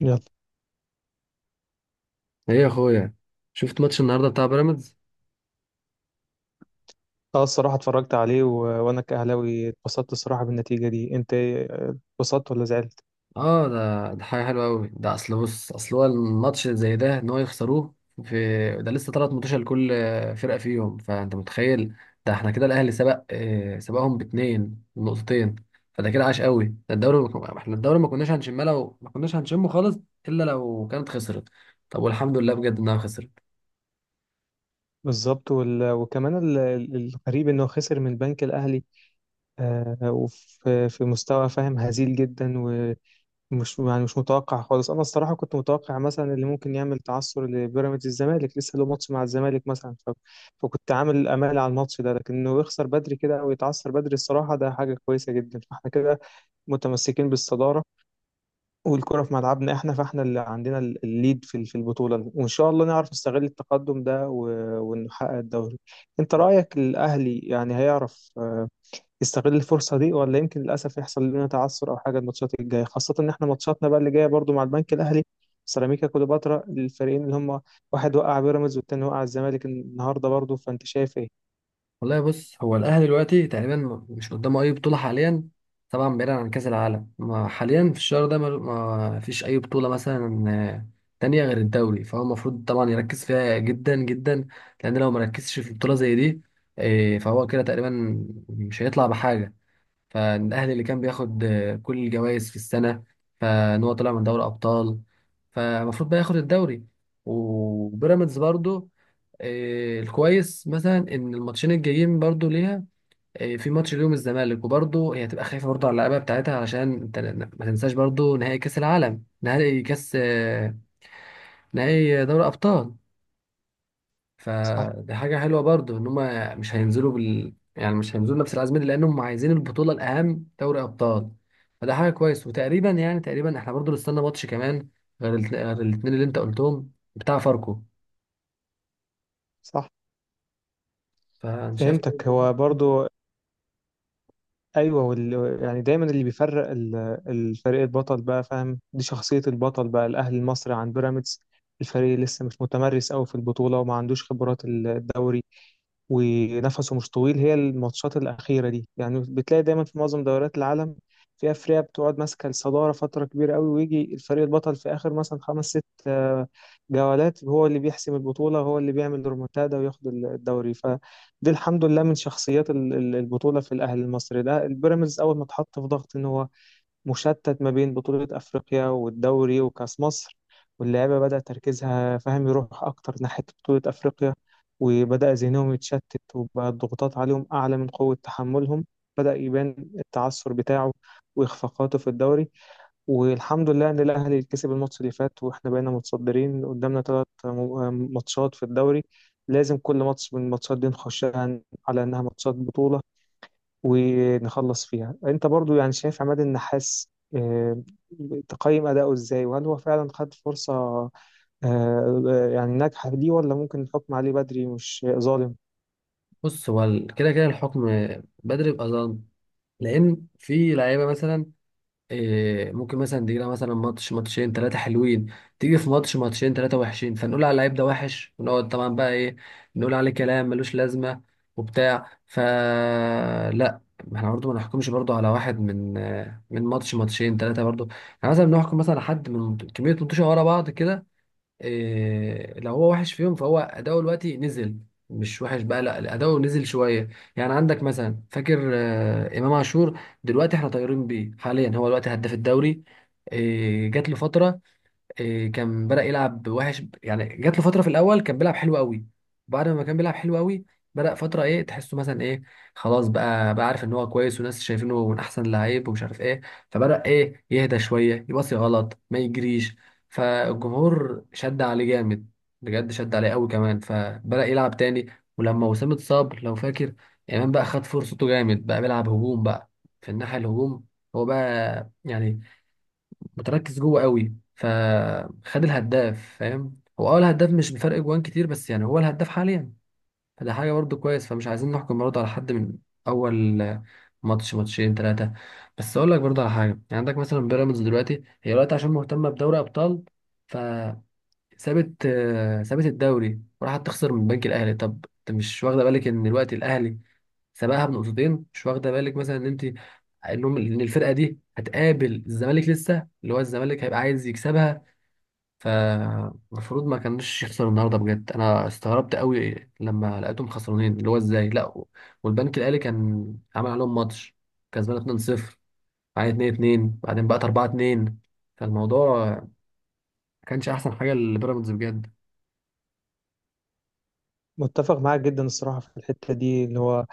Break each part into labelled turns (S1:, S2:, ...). S1: يلا.
S2: ايه يا اخويا؟ شفت ماتش النهارده بتاع بيراميدز؟
S1: اه الصراحة اتفرجت عليه وانا كأهلاوي اتبسطت الصراحة بالنتيجة دي، انت اتبسطت ولا زعلت؟
S2: اه ده حاجه حلوه قوي. ده اصل بص، اصل هو الماتش زي ده ان هو يخسروه في. ده لسه ثلاث ماتشات لكل فرقه فيهم، فانت متخيل. ده احنا كده الاهلي سبق سبقهم باتنين نقطتين. فده كده عاش قوي ده الدوري، ما كنا- احنا الدوري ما كناش هنشمه، لو ما كناش هنشمه خالص الا لو كانت خسرت. طب والحمد لله بجد انها خسرت.
S1: بالظبط، وكمان الغريب انه خسر من البنك الاهلي، وفي في مستوى فاهم، هزيل جدا، ومش يعني مش متوقع خالص. انا الصراحة كنت متوقع مثلا اللي ممكن يعمل تعثر لبيراميدز الزمالك، لسه له ماتش مع الزمالك مثلا، ف... فكنت عامل امال على الماتش ده، لكن انه يخسر بدري كده او يتعثر بدري الصراحة ده حاجة كويسة جدا. فاحنا كده متمسكين بالصدارة والكرة في ملعبنا احنا، فاحنا اللي عندنا الليد في البطولة، وان شاء الله نعرف نستغل التقدم ده ونحقق الدوري. انت رأيك الاهلي يعني هيعرف يستغل الفرصة دي، ولا يمكن للاسف يحصل لنا تعثر او حاجة الماتشات الجاية، خاصة ان احنا ماتشاتنا بقى اللي جاية برضو مع البنك الاهلي، سيراميكا كليوباترا، الفريقين اللي هم واحد وقع بيراميدز والتاني وقع الزمالك النهاردة برضو، فانت شايف ايه؟
S2: والله بص، هو الاهلي دلوقتي تقريبا مش قدامه اي بطوله حاليا. طبعا بعيدا عن كاس العالم، ما حاليا في الشهر ده ما فيش اي بطوله مثلا تانية غير الدوري، فهو المفروض طبعا يركز فيها جدا جدا. لان لو مركزش في بطوله زي دي، فهو كده تقريبا مش هيطلع بحاجه. فالاهلي اللي كان بياخد كل الجوائز في السنه، فان هو طلع من دوري ابطال، فالمفروض بقى ياخد الدوري. وبيراميدز برضو، الكويس مثلا ان الماتشين الجايين برضو ليها، في ماتش اليوم الزمالك، وبرضو هي هتبقى خايفه برضو على اللعيبه بتاعتها، علشان انت ما تنساش برضو نهائي كاس العالم، نهائي كاس نهائي دوري ابطال.
S1: صح.
S2: فدي حاجة حلوة برضو ان هم مش هينزلوا بال، يعني مش هينزلوا نفس العزم دي، لانهم عايزين البطولة الاهم دوري ابطال. فده حاجة كويس. وتقريبا يعني تقريبا احنا برضو نستنى ماتش كمان غير الاتنين اللي انت قلتهم بتاع فاركو.
S1: صح.
S2: فانا شايف،
S1: فهمتك. هو برضو ايوه، يعني دايما اللي بيفرق الفريق البطل بقى، فاهم، دي شخصيه البطل بقى، الاهلي المصري عن بيراميدز. الفريق لسه مش متمرس قوي في البطوله وما عندوش خبرات الدوري، ونفسه مش طويل. هي الماتشات الأخيرة دي يعني بتلاقي دايما في معظم دوريات العالم، في أفريقيا، بتقعد ماسكة الصدارة فترة كبيرة قوي، ويجي الفريق البطل في آخر مثلا خمس ست جولات هو اللي بيحسم البطولة، هو اللي بيعمل ريمونتادا وياخد الدوري. فدي الحمد لله من شخصيات البطولة في الأهلي المصري. ده البيراميدز أول ما اتحط في ضغط إن هو مشتت ما بين بطولة أفريقيا والدوري وكأس مصر، واللعيبة بدأ تركيزها، فاهم، يروح أكتر ناحية بطولة أفريقيا، وبدأ ذهنهم يتشتت، وبقى الضغوطات عليهم أعلى من قوة تحملهم، بدأ يبان التعثر بتاعه وإخفاقاته في الدوري. والحمد لله إن الأهلي كسب الماتش اللي فات وإحنا بقينا متصدرين، قدامنا ثلاث ماتشات في الدوري، لازم كل ماتش من الماتشات دي نخشها على إنها ماتشات بطولة ونخلص فيها. انت برضو يعني شايف عماد النحاس آه، تقيم أداؤه إزاي؟ وهل هو فعلا خد فرصة يعني ناجحة ليه؟ ولا ممكن الحكم عليه بدري مش ظالم؟
S2: بص هو كده كده الحكم بدري بأذان. لان في لعيبة مثلا ممكن مثلا تجي لها مثلا ماتش، ماتشين، ثلاثة حلوين، تيجي في ماتش، ماتشين، ثلاثة وحشين، فنقول على اللعيب ده وحش، ونقعد طبعا بقى ايه، نقول عليه كلام ملوش لازمة وبتاع، فلا. احنا برضه ما نحكمش برضه على واحد من ماتش، ماتشين، ثلاثة برضه. احنا مثلا بنحكم مثلا على حد من كمية ماتشات ورا بعض كده. لو هو وحش فيهم فهو اداؤه دلوقتي نزل، مش وحش بقى، لا اداؤه نزل شويه. يعني عندك مثلا، فاكر امام عاشور؟ دلوقتي احنا طايرين بيه حاليا، هو دلوقتي هداف الدوري. جات له فتره، كان بدأ يلعب وحش. يعني جات له فترة في الأول كان بيلعب حلو قوي، بعد ما كان بيلعب حلو قوي بدأ فترة إيه، تحسه مثلا إيه، خلاص بقى عارف إن هو كويس، وناس شايفينه من أحسن اللعيب، ومش عارف إيه، فبدأ إيه يهدى شوية، يباصي غلط، ما يجريش. فالجمهور شد عليه جامد، بجد شد عليه قوي كمان، فبدأ يلعب تاني. ولما وسام اتصاب، لو فاكر، إمام بقى خد فرصته جامد، بقى بيلعب هجوم بقى، في الناحية الهجوم. هو بقى يعني متركز جوه قوي، فخد الهداف، فاهم؟ هو الهداف مش بفرق جوان كتير، بس يعني هو الهداف حاليا. فده حاجه برضو كويس. فمش عايزين نحكم برضو على حد من اول ماتش، ماتشين، ثلاثه. بس اقول لك برضو على حاجه، يعني عندك مثلا بيراميدز دلوقتي، هي دلوقتي عشان مهتمه بدوري ابطال، فسابت، سابت الدوري وراحت تخسر من البنك الاهلي. طب انت مش واخده بالك ان دلوقتي الاهلي سبقها بنقطتين؟ مش واخده بالك مثلا ان انت انهم ان الفرقه دي هتقابل الزمالك لسه، اللي هو الزمالك هيبقى عايز يكسبها؟ فالمفروض ما كانش يخسر النهارده. بجد انا استغربت قوي لما لقيتهم خسرانين، اللي هو ازاي؟ لا، والبنك الاهلي كان عمل عليهم ماتش، كسبان 2-0 بعدين 2-2 بعدين بقت 4-2. فالموضوع ما كانش احسن حاجه لبيراميدز بجد.
S1: متفق معاك جدا الصراحة في الحتة دي، اللي هو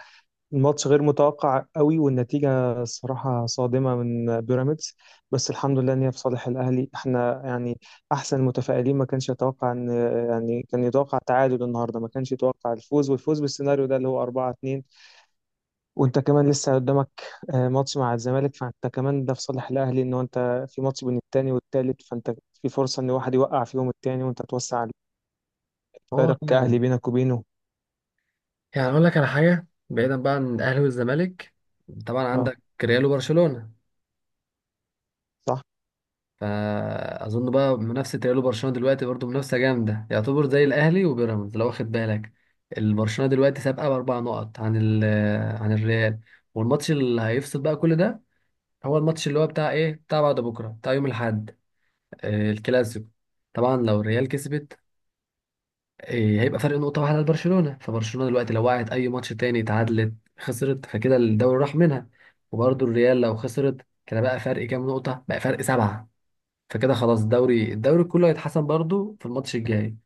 S1: الماتش غير متوقع قوي والنتيجة الصراحة صادمة من بيراميدز، بس الحمد لله إن هي في صالح الأهلي. احنا يعني أحسن، متفائلين، ما كانش يتوقع إن يعني كان يتوقع تعادل النهاردة، ما كانش يتوقع الفوز، والفوز بالسيناريو ده اللي هو 4-2. وانت كمان لسه قدامك ماتش مع الزمالك، فانت كمان ده في صالح الاهلي، ان هو انت في ماتش بين التاني والتالت، فانت في فرصه ان واحد يوقع فيهم التاني وانت توسع
S2: هو
S1: الفارق
S2: فعلا.
S1: كاهلي بينك وبينه.
S2: يعني اقول لك على حاجه بعيدا بقى عن الاهلي والزمالك، طبعا
S1: اه.
S2: عندك ريال وبرشلونه،
S1: صح.
S2: فاظن بقى منافسه ريال وبرشلونه دلوقتي برضو منافسه جامده، يعتبر زي الاهلي وبيراميدز لو واخد بالك. البرشلونه دلوقتي سابقه باربع نقط عن الريال، والماتش اللي هيفصل بقى كل ده هو الماتش اللي هو بتاع ايه، بتاع بعد بكره، بتاع يوم الاحد، الكلاسيكو. طبعا لو الريال كسبت، هيبقى فرق نقطه واحده لبرشلونه، فبرشلونه دلوقتي لو وقعت اي ماتش تاني، اتعادلت، خسرت، فكده الدوري راح منها. وبرضو الريال لو خسرت، كده بقى فرق كام نقطه؟ بقى فرق سبعه. فكده خلاص الدوري كله هيتحسم برضو في الماتش الجاي.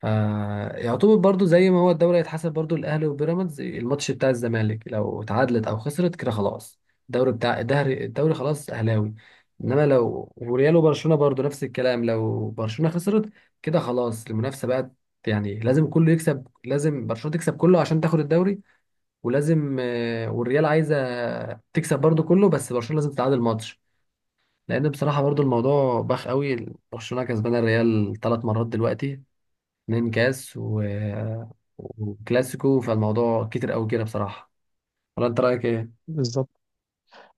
S2: فيعتبر برضو زي ما هو الدوري هيتحسم، برضو الاهلي وبيراميدز الماتش بتاع الزمالك لو اتعادلت او خسرت، كده خلاص الدوري بتاع الدهري الدوري خلاص اهلاوي. انما لو وريال وبرشلونه برضو نفس الكلام، لو برشلونه خسرت كده خلاص المنافسه بقت، يعني لازم كله يكسب، لازم برشلونه تكسب كله عشان تاخد الدوري. ولازم والريال عايزه تكسب برضو كله، بس برشلونه لازم تتعادل ماتش، لان بصراحه برضو الموضوع باخ قوي. برشلونه كسبان الريال ثلاث مرات دلوقتي، اتنين كاس و... وكلاسيكو، فالموضوع كتير قوي كده بصراحه. ولا انت رايك ايه؟
S1: بالظبط،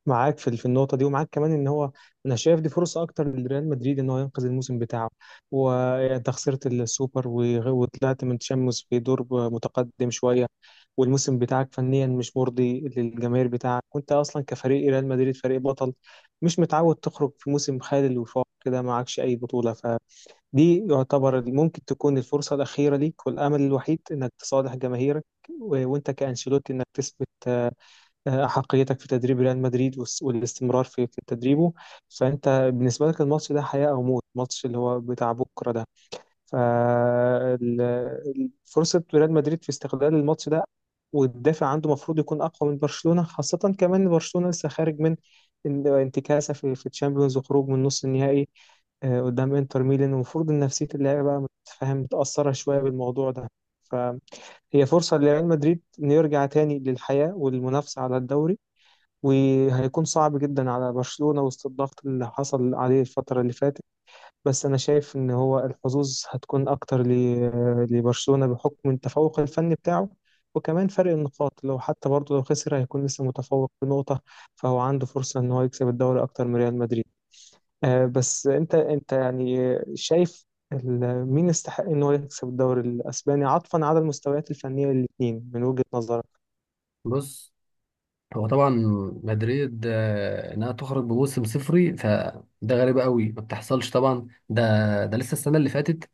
S1: معاك في في النقطة دي، ومعاك كمان ان هو انا شايف دي فرصة اكتر لريال مدريد ان هو ينقذ الموسم بتاعه. وانت خسرت السوبر، وطلعت من تشامبيونز في دور متقدم شوية، والموسم بتاعك فنيا مش مرضي للجماهير بتاعك، وانت اصلا كفريق ريال مدريد فريق بطل مش متعود تخرج في موسم خالي الوفاق كده، معكش اي بطولة. فدي يعتبر ممكن تكون الفرصة الأخيرة ليك والأمل الوحيد انك تصالح جماهيرك، وانت كأنشيلوتي انك تثبت أحقيتك في تدريب ريال مدريد والاستمرار في تدريبه. فأنت بالنسبة لك الماتش ده حياة أو موت، الماتش اللي هو بتاع بكرة ده. ففرصة ريال مدريد في استغلال الماتش ده والدافع عنده المفروض يكون أقوى من برشلونة، خاصة كمان إن برشلونة لسه خارج من انتكاسة في الشامبيونز وخروج من نص النهائي قدام انتر ميلان، المفروض ان نفسية اللاعب بقى، متفهم، متأثرة شوية بالموضوع ده. فهي فرصة لريال مدريد إنه يرجع تاني للحياة والمنافسة على الدوري، وهيكون صعب جدا على برشلونة وسط الضغط اللي حصل عليه الفترة اللي فاتت. بس أنا شايف إن هو الحظوظ هتكون أكتر لبرشلونة بحكم التفوق الفني بتاعه، وكمان فرق النقاط لو حتى برضه لو خسر هيكون لسه متفوق بنقطة، فهو عنده فرصة إن هو يكسب الدوري أكتر من ريال مدريد. بس أنت يعني شايف مين يستحق إن هو يكسب الدوري الأسباني عطفا على المستويات الفنية الاتنين من وجهة نظرك؟
S2: بص، هو طبعا مدريد، انها تخرج بموسم صفري فده غريب قوي، ما بتحصلش طبعا. ده ده لسه السنه اللي فاتت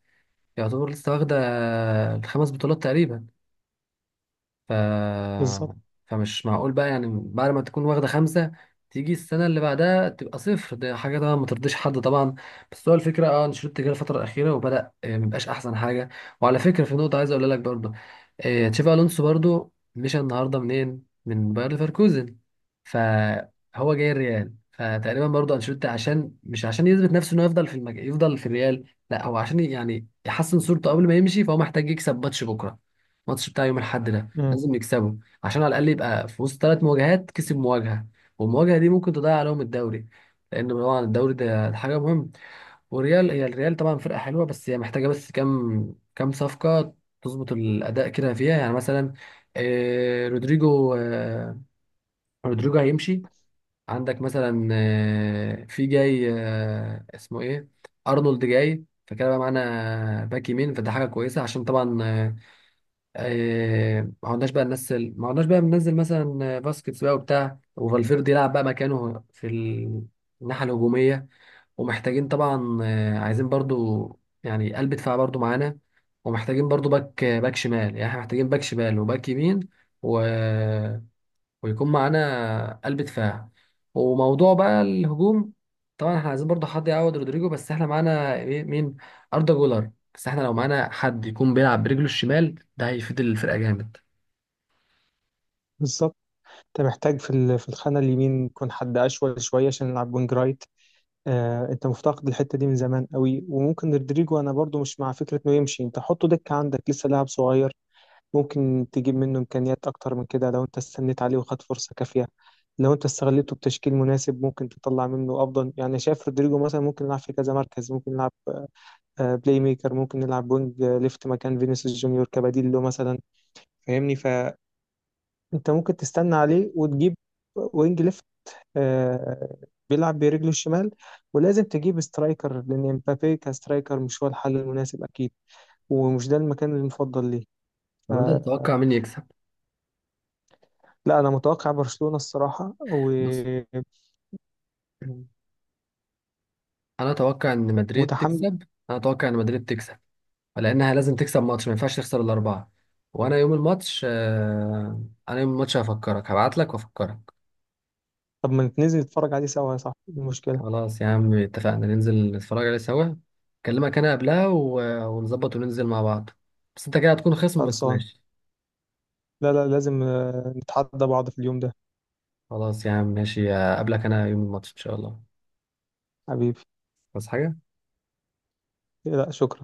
S2: يعتبر لسه واخده الخمس بطولات تقريبا، ف...
S1: بالظبط.
S2: فمش معقول بقى يعني بعد ما تكون واخدة خمسة تيجي السنة اللي بعدها تبقى صفر، ده حاجة طبعا ما ترضيش حد طبعا. بس هو الفكرة، انشيلوتي جه الفترة الأخيرة وبدأ مبقاش أحسن حاجة. وعلى فكرة في نقطة عايز أقولها لك برضه، تشافي ألونسو برضه مشى النهاردة منين؟ من باير ليفركوزن. فهو جاي الريال، فتقريبا برضه انشيلوتي عشان مش، عشان يثبت نفسه انه يفضل يفضل في الريال، لا هو عشان يعني يحسن صورته قبل ما يمشي. فهو محتاج يكسب ماتش بكره، الماتش بتاع يوم الاحد ده
S1: مم.
S2: لازم يكسبوا، عشان على الاقل يبقى في وسط ثلاث مواجهات كسب مواجهه، والمواجهه دي ممكن تضيع عليهم الدوري. لان طبعا الدوري ده حاجه مهمه. والريال، هي الريال طبعا فرقه حلوه، بس هي محتاجه بس كام صفقه تظبط الاداء كده فيها. يعني مثلا رودريجو، رودريجو هيمشي. عندك مثلا في جاي اسمه ايه، ارنولد، جاي، فكده بقى معانا باك يمين، فده حاجه كويسه. عشان طبعا ما عدناش بقى بننزل مثلا باسكتس بقى وبتاع، وفالفيردي يلعب بقى مكانه في الناحية الهجومية. ومحتاجين طبعا عايزين برضو يعني قلب دفاع برضو معانا. ومحتاجين برضو باك شمال، يعني احنا محتاجين باك شمال وباك يمين، و... ويكون معانا قلب دفاع. وموضوع بقى الهجوم، طبعا احنا عايزين برضه حد يعوض رودريجو، بس احنا معانا مين؟ أردا جولر. بس احنا لو معانا حد يكون بيلعب برجله الشمال ده هيفيد الفرقة جامد.
S1: بالظبط. انت محتاج في في الخانه اليمين يكون حد اشول شويه عشان يلعب وينج رايت. آه انت مفتقد الحته دي من زمان قوي، وممكن رودريجو انا برضو مش مع فكره انه يمشي، انت حطه دكه، عندك لسه لاعب صغير، ممكن تجيب منه امكانيات اكتر من كده لو انت استنيت عليه وخد فرصه كافيه. لو انت استغلته بتشكيل مناسب ممكن تطلع منه افضل، يعني شايف رودريجو مثلا ممكن يلعب في كذا مركز، ممكن يلعب بلاي ميكر، ممكن نلعب وينج ليفت مكان فينيسيوس جونيور كبديل له مثلا، فاهمني، فانت ممكن تستنى عليه وتجيب وينج ليفت آه، بيلعب برجله الشمال. ولازم تجيب سترايكر لأن امبابي كسترايكر مش هو الحل المناسب أكيد، ومش ده المكان المفضل ليه.
S2: طب انت
S1: آه،
S2: تتوقع مين يكسب؟
S1: لا أنا متوقع برشلونة الصراحة.
S2: بص، انا اتوقع ان مدريد
S1: ومتحمل.
S2: تكسب، انا اتوقع ان مدريد تكسب، لانها لازم تكسب ماتش، ما ينفعش تخسر الاربعة. وانا يوم الماتش آه، انا يوم الماتش هفكرك، هبعت لك وافكرك.
S1: طب ما ننزل نتفرج عليه سوا يا صاحبي، إيه المشكلة؟
S2: خلاص يا عم، اتفقنا ننزل نتفرج عليه سوا. اكلمك انا قبلها و... ونظبط وننزل مع بعض، بس انت كده هتكون خصم، بس
S1: خلصان.
S2: ماشي.
S1: لا لا، لازم نتحدى بعض في اليوم ده.
S2: خلاص يا عم ماشي، اقابلك انا يوم الماتش ان شاء الله.
S1: حبيبي.
S2: بس حاجة.
S1: لا شكرا.